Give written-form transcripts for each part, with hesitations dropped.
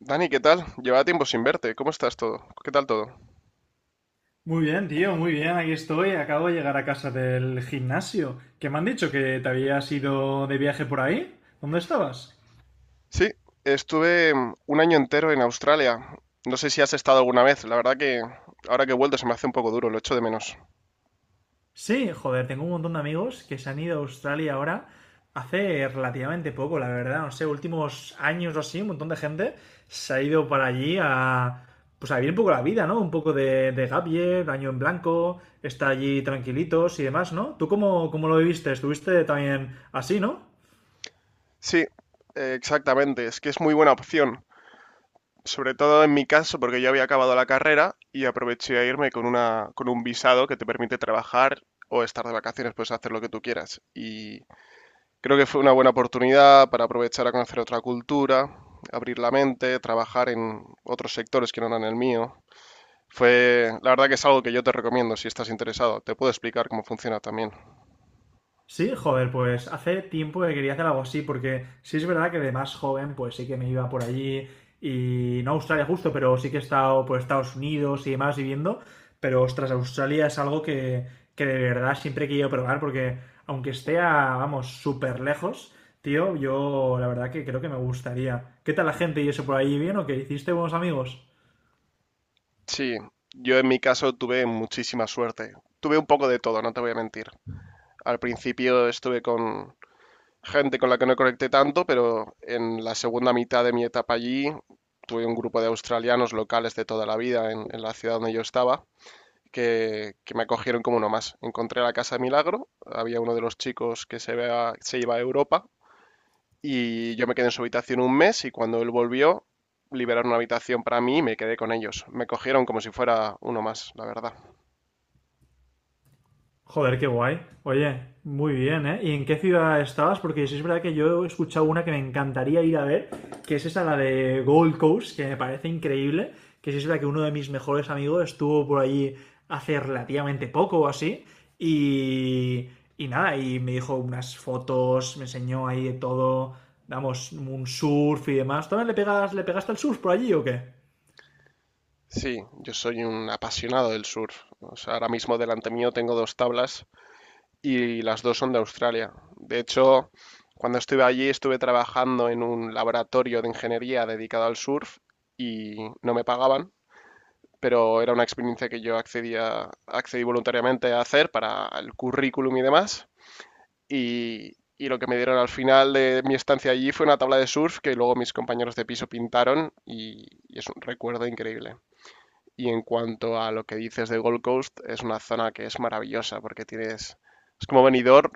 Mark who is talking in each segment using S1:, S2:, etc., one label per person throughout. S1: Dani, ¿qué tal? Llevaba tiempo sin verte. ¿Cómo estás todo? ¿Qué tal todo?
S2: Muy bien, tío, muy bien, aquí estoy. Acabo de llegar a casa del gimnasio. ¿Qué me han dicho? ¿Que te habías ido de viaje por ahí? ¿Dónde estabas?
S1: Sí, estuve un año entero en Australia. No sé si has estado alguna vez. La verdad que ahora que he vuelto se me hace un poco duro, lo echo de menos.
S2: Sí, joder, tengo un montón de amigos que se han ido a Australia ahora hace relativamente poco, la verdad, no sé, últimos años o así, un montón de gente se ha ido para allí a pues a vivir un poco la vida, ¿no? Un poco de, gap year, año en blanco, estar allí tranquilitos y demás, ¿no? ¿Tú cómo lo viviste? Estuviste también así, ¿no?
S1: Sí, exactamente. Es que es muy buena opción. Sobre todo en mi caso, porque yo había acabado la carrera y aproveché a irme con con un visado que te permite trabajar o estar de vacaciones, puedes hacer lo que tú quieras. Creo que fue una buena oportunidad para aprovechar a conocer otra cultura, abrir la mente, trabajar en otros sectores que no eran el mío. Fue, la verdad que es algo que yo te recomiendo si estás interesado. Te puedo explicar cómo funciona también.
S2: Sí, joder, pues hace tiempo que quería hacer algo así, porque sí es verdad que de más joven, pues sí que me iba por allí y no a Australia justo, pero sí que he estado por Estados Unidos y demás viviendo, pero ostras, Australia es algo que de verdad siempre he querido probar, porque aunque esté a, vamos, súper lejos, tío, yo la verdad que creo que me gustaría. ¿Qué tal la gente y eso por ahí? ¿Bien o qué? ¿Hiciste buenos amigos?
S1: Sí, yo en mi caso tuve muchísima suerte. Tuve un poco de todo, no te voy a mentir. Al principio estuve con gente con la que no conecté tanto, pero en la segunda mitad de mi etapa allí tuve un grupo de australianos locales de toda la vida en la ciudad donde yo estaba que me acogieron como uno más. Encontré la casa de Milagro, había uno de los chicos que se iba a Europa y yo me quedé en su habitación un mes y cuando él volvió liberaron una habitación para mí y me quedé con ellos. Me cogieron como si fuera uno más, la verdad.
S2: Joder, qué guay. Oye, muy bien, ¿eh? ¿Y en qué ciudad estabas? Porque sí es verdad que yo he escuchado una que me encantaría ir a ver, que es esa, la de Gold Coast, que me parece increíble, que sí es verdad que uno de mis mejores amigos estuvo por allí hace relativamente poco o así, y, y nada, y me dijo unas fotos, me enseñó ahí de todo, vamos, un surf y demás. ¿También le pegaste al surf por allí o qué?
S1: Sí, yo soy un apasionado del surf. O sea, ahora mismo delante mío tengo dos tablas y las dos son de Australia. De hecho, cuando estuve allí estuve trabajando en un laboratorio de ingeniería dedicado al surf y no me pagaban, pero era una experiencia que yo accedí voluntariamente a hacer para el currículum y demás. Y lo que me dieron al final de mi estancia allí fue una tabla de surf que luego mis compañeros de piso pintaron y es un recuerdo increíble. Y en cuanto a lo que dices de Gold Coast, es una zona que es maravillosa porque tienes, es como Benidorm,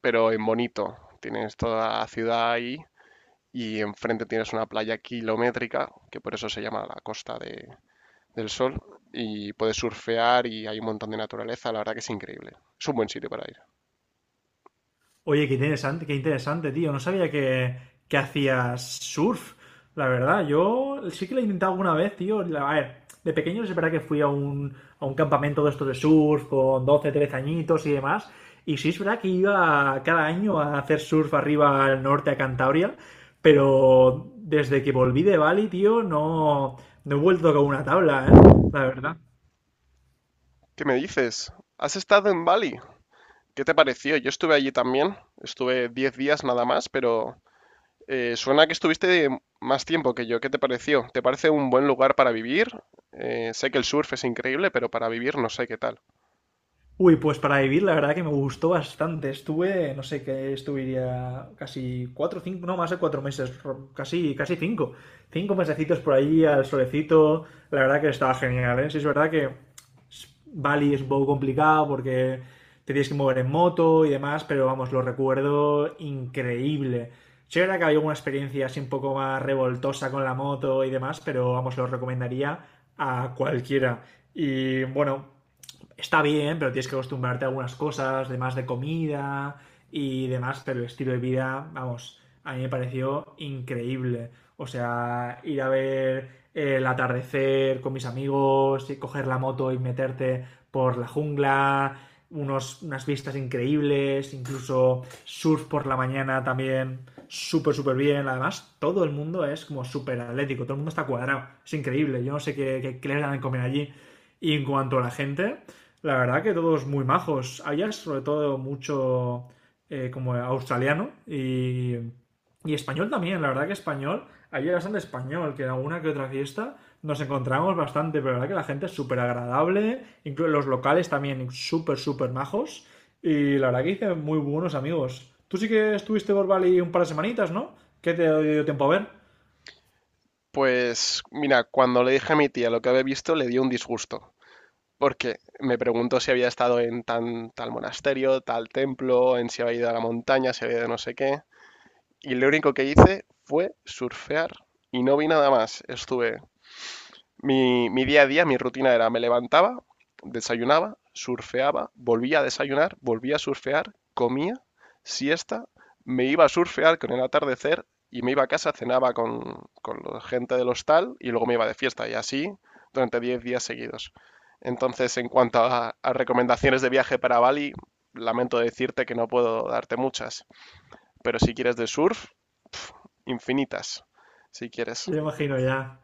S1: pero en bonito. Tienes toda la ciudad ahí y enfrente tienes una playa kilométrica, que por eso se llama la costa del sol y puedes surfear y hay un montón de naturaleza, la verdad que es increíble. Es un buen sitio para ir.
S2: Oye, qué interesante, tío. No sabía que hacías surf, la verdad. Yo sí que lo he intentado alguna vez, tío. A ver, de pequeño es verdad que fui a un campamento de estos de surf con 12 13 añitos y demás. Y sí es verdad que iba cada año a hacer surf arriba al norte, a Cantabria. Pero desde que volví de Bali, tío, no he vuelto con una tabla, ¿eh? La verdad.
S1: ¿Qué me dices? ¿Has estado en Bali? ¿Qué te pareció? Yo estuve allí también, estuve 10 días nada más, pero suena que estuviste más tiempo que yo. ¿Qué te pareció? ¿Te parece un buen lugar para vivir? Sé que el surf es increíble, pero para vivir no sé qué tal.
S2: Uy, pues para vivir, la verdad que me gustó bastante. Estuve, no sé, que estuviría casi cuatro, cinco, no, más de cuatro meses, casi, casi cinco. Cinco mesecitos por ahí al solecito. La verdad que estaba genial, ¿eh? Sí, es verdad que Bali es un poco complicado porque te tienes que mover en moto y demás, pero vamos, lo recuerdo increíble. Sí, es verdad que había una experiencia así un poco más revoltosa con la moto y demás, pero vamos, lo recomendaría a cualquiera. Y bueno, está bien, pero tienes que acostumbrarte a algunas cosas, demás de comida y demás, pero el estilo de vida, vamos, a mí me pareció increíble. O sea, ir a ver el atardecer con mis amigos, y coger la moto y meterte por la jungla, unas vistas increíbles, incluso surf por la mañana también, súper, súper bien. Además, todo el mundo es como súper atlético, todo el mundo está cuadrado, es increíble. Yo no sé qué les dan de comer allí. Y en cuanto a la gente, la verdad que todos muy majos. Allá sobre todo mucho como australiano y español también. La verdad que español, allí había bastante español, que en alguna que otra fiesta nos encontramos bastante, pero la verdad que la gente es súper agradable, incluso los locales también súper, súper majos. Y la verdad que hice muy buenos amigos. Tú sí que estuviste por Bali un par de semanitas, ¿no? ¿Qué te dio tiempo a ver?
S1: Pues mira, cuando le dije a mi tía lo que había visto, le dio un disgusto, porque me preguntó si había estado en tal monasterio, tal templo, en si había ido a la montaña, si había ido no sé qué. Y lo único que hice fue surfear y no vi nada más. Estuve Mi día a día, mi rutina era: me levantaba, desayunaba, surfeaba, volvía a desayunar, volvía a surfear, comía, siesta, me iba a surfear con el atardecer y me iba a casa, cenaba con la gente del hostal y luego me iba de fiesta, y así durante 10 días seguidos. Entonces, en cuanto a recomendaciones de viaje para Bali, lamento decirte que no puedo darte muchas, pero si quieres de surf, pf, infinitas, si quieres.
S2: Yo imagino ya.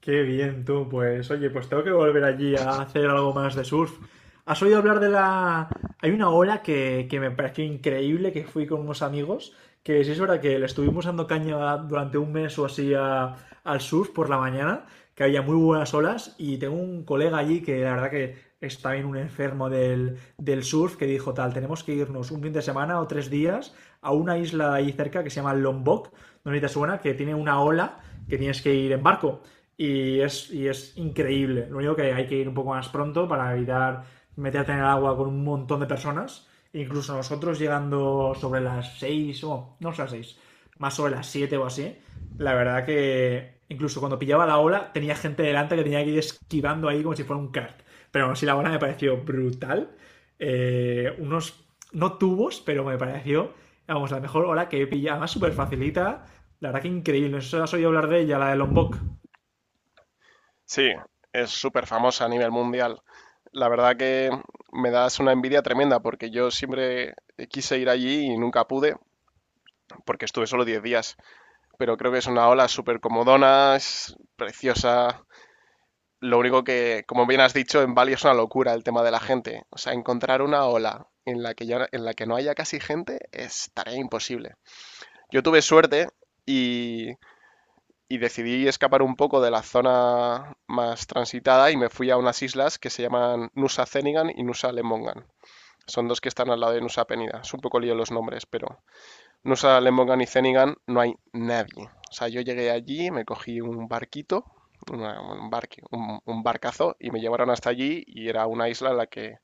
S2: Qué bien tú, pues oye, pues tengo que volver allí a hacer algo más de surf. ¿Has oído hablar de la... Hay una ola que me pareció increíble, que fui con unos amigos, que sí es verdad que le estuvimos dando caña durante un mes o así al surf por la mañana, que había muy buenas olas, y tengo un colega allí que la verdad que es también un enfermo del surf, que dijo tal, tenemos que irnos un fin de semana o tres días a una isla ahí cerca que se llama Lombok, no sé si te suena, que tiene una ola que tienes que ir en barco y y es increíble. Lo único que hay que ir un poco más pronto para evitar meterte en el agua con un montón de personas. E incluso nosotros llegando sobre las 6 no sé las 6 más sobre las 7 o así. La verdad que incluso cuando pillaba la ola tenía gente delante que tenía que ir esquivando ahí como si fuera un kart. Pero aún así la ola me pareció brutal. Eh, unos, no tubos, pero me pareció, vamos, la mejor ola que he pillado. Además, súper facilita. La verdad que increíble. No sé si has oído hablar de ella, la de Lombok.
S1: Sí, es súper famosa a nivel mundial. La verdad que me das una envidia tremenda porque yo siempre quise ir allí y nunca pude porque estuve solo 10 días. Pero creo que es una ola súper comodona, es preciosa. Lo único que, como bien has dicho, en Bali es una locura el tema de la gente. O sea, encontrar una ola en la que, ya, en la que no haya casi gente es tarea imposible. Yo tuve suerte y y decidí escapar un poco de la zona más transitada y me fui a unas islas que se llaman Nusa Zenigan y Nusa Lemongan. Son dos que están al lado de Nusa Penida. Es un poco lío los nombres, pero Nusa Lemongan y Zenigan no hay nadie. O sea, yo llegué allí, me cogí un barquito, un barcazo, y me llevaron hasta allí y era una isla en la que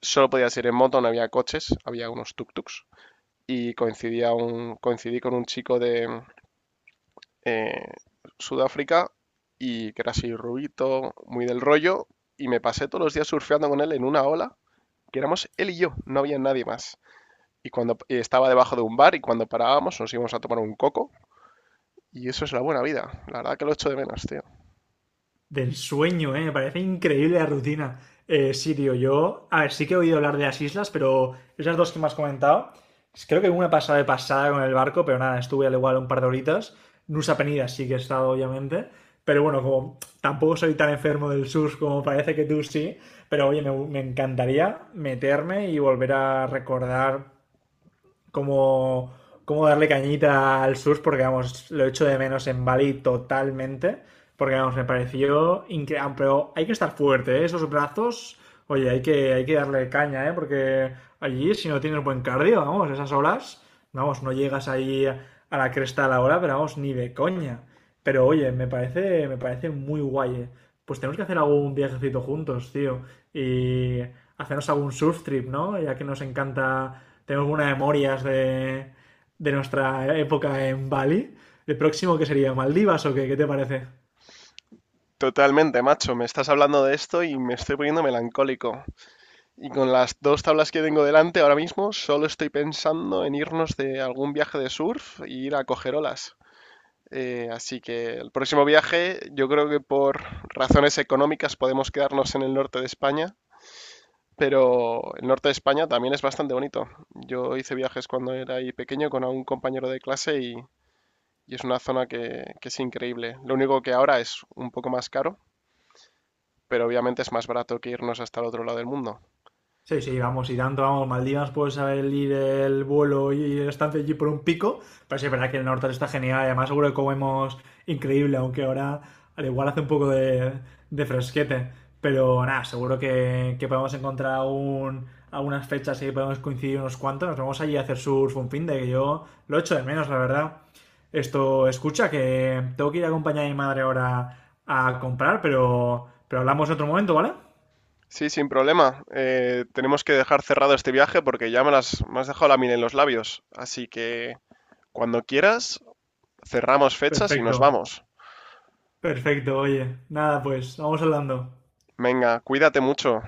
S1: solo podías ir en moto, no había coches, había unos tuk-tuks y coincidí con un chico de, eh, Sudáfrica, y que era así rubito, muy del rollo, y me pasé todos los días surfeando con él en una ola, que éramos él y yo, no había nadie más. Y estaba debajo de un bar y cuando parábamos nos íbamos a tomar un coco, y eso es la buena vida. La verdad que lo echo de menos, tío.
S2: Del sueño, ¿eh? Me parece increíble la rutina. Sí, tío, yo. A ver, sí que he oído hablar de las islas, pero esas dos que me has comentado. Creo que una pasada de pasada con el barco, pero nada, estuve al igual un par de horitas. Nusa Penida sí que he estado, obviamente. Pero bueno, como tampoco soy tan enfermo del sur como parece que tú sí, pero oye, me encantaría meterme y volver a recordar como, como darle cañita al SUS porque, vamos, lo echo de menos en Bali totalmente. Porque, vamos, me pareció increíble. Pero hay que estar fuerte, ¿eh? Esos brazos, oye, hay que darle caña, ¿eh? Porque allí, si no tienes buen cardio, vamos, esas horas, vamos, no llegas ahí a la cresta a la hora, pero vamos, ni de coña. Pero oye, me parece muy guay, ¿eh? Pues tenemos que hacer algún viajecito juntos, tío. Y hacernos algún surf trip, ¿no? Ya que nos encanta, tenemos unas memorias de nuestra época en Bali. ¿El próximo que sería? ¿Maldivas o qué? ¿Qué te parece?
S1: Totalmente, macho. Me estás hablando de esto y me estoy poniendo melancólico. Y con las dos tablas que tengo delante ahora mismo, solo estoy pensando en irnos de algún viaje de surf e ir a coger olas. Así que el próximo viaje, yo creo que por razones económicas podemos quedarnos en el norte de España, pero el norte de España también es bastante bonito. Yo hice viajes cuando era ahí pequeño con un compañero de clase, y es una zona que es increíble. Lo único que ahora es un poco más caro, pero obviamente es más barato que irnos hasta el otro lado del mundo.
S2: Sí, sí, vamos, y tanto, vamos, Maldivas puede salir el vuelo y el estancia allí por un pico, pero sí es verdad que el norte está genial, y además seguro que comemos increíble, aunque ahora al igual hace un poco de fresquete, pero nada, seguro que podemos encontrar un, algunas fechas y podemos coincidir unos cuantos, nos vamos allí a hacer surf un fin de que yo lo echo de menos, la verdad. Esto, escucha, que tengo que ir a acompañar a mi madre ahora a comprar, pero hablamos en otro momento, ¿vale?
S1: Sí, sin problema. Tenemos que dejar cerrado este viaje porque ya me has dejado la miel en los labios. Así que cuando quieras, cerramos fechas y nos
S2: Perfecto.
S1: vamos.
S2: Perfecto, oye. Nada, pues, vamos hablando.
S1: Venga, cuídate mucho.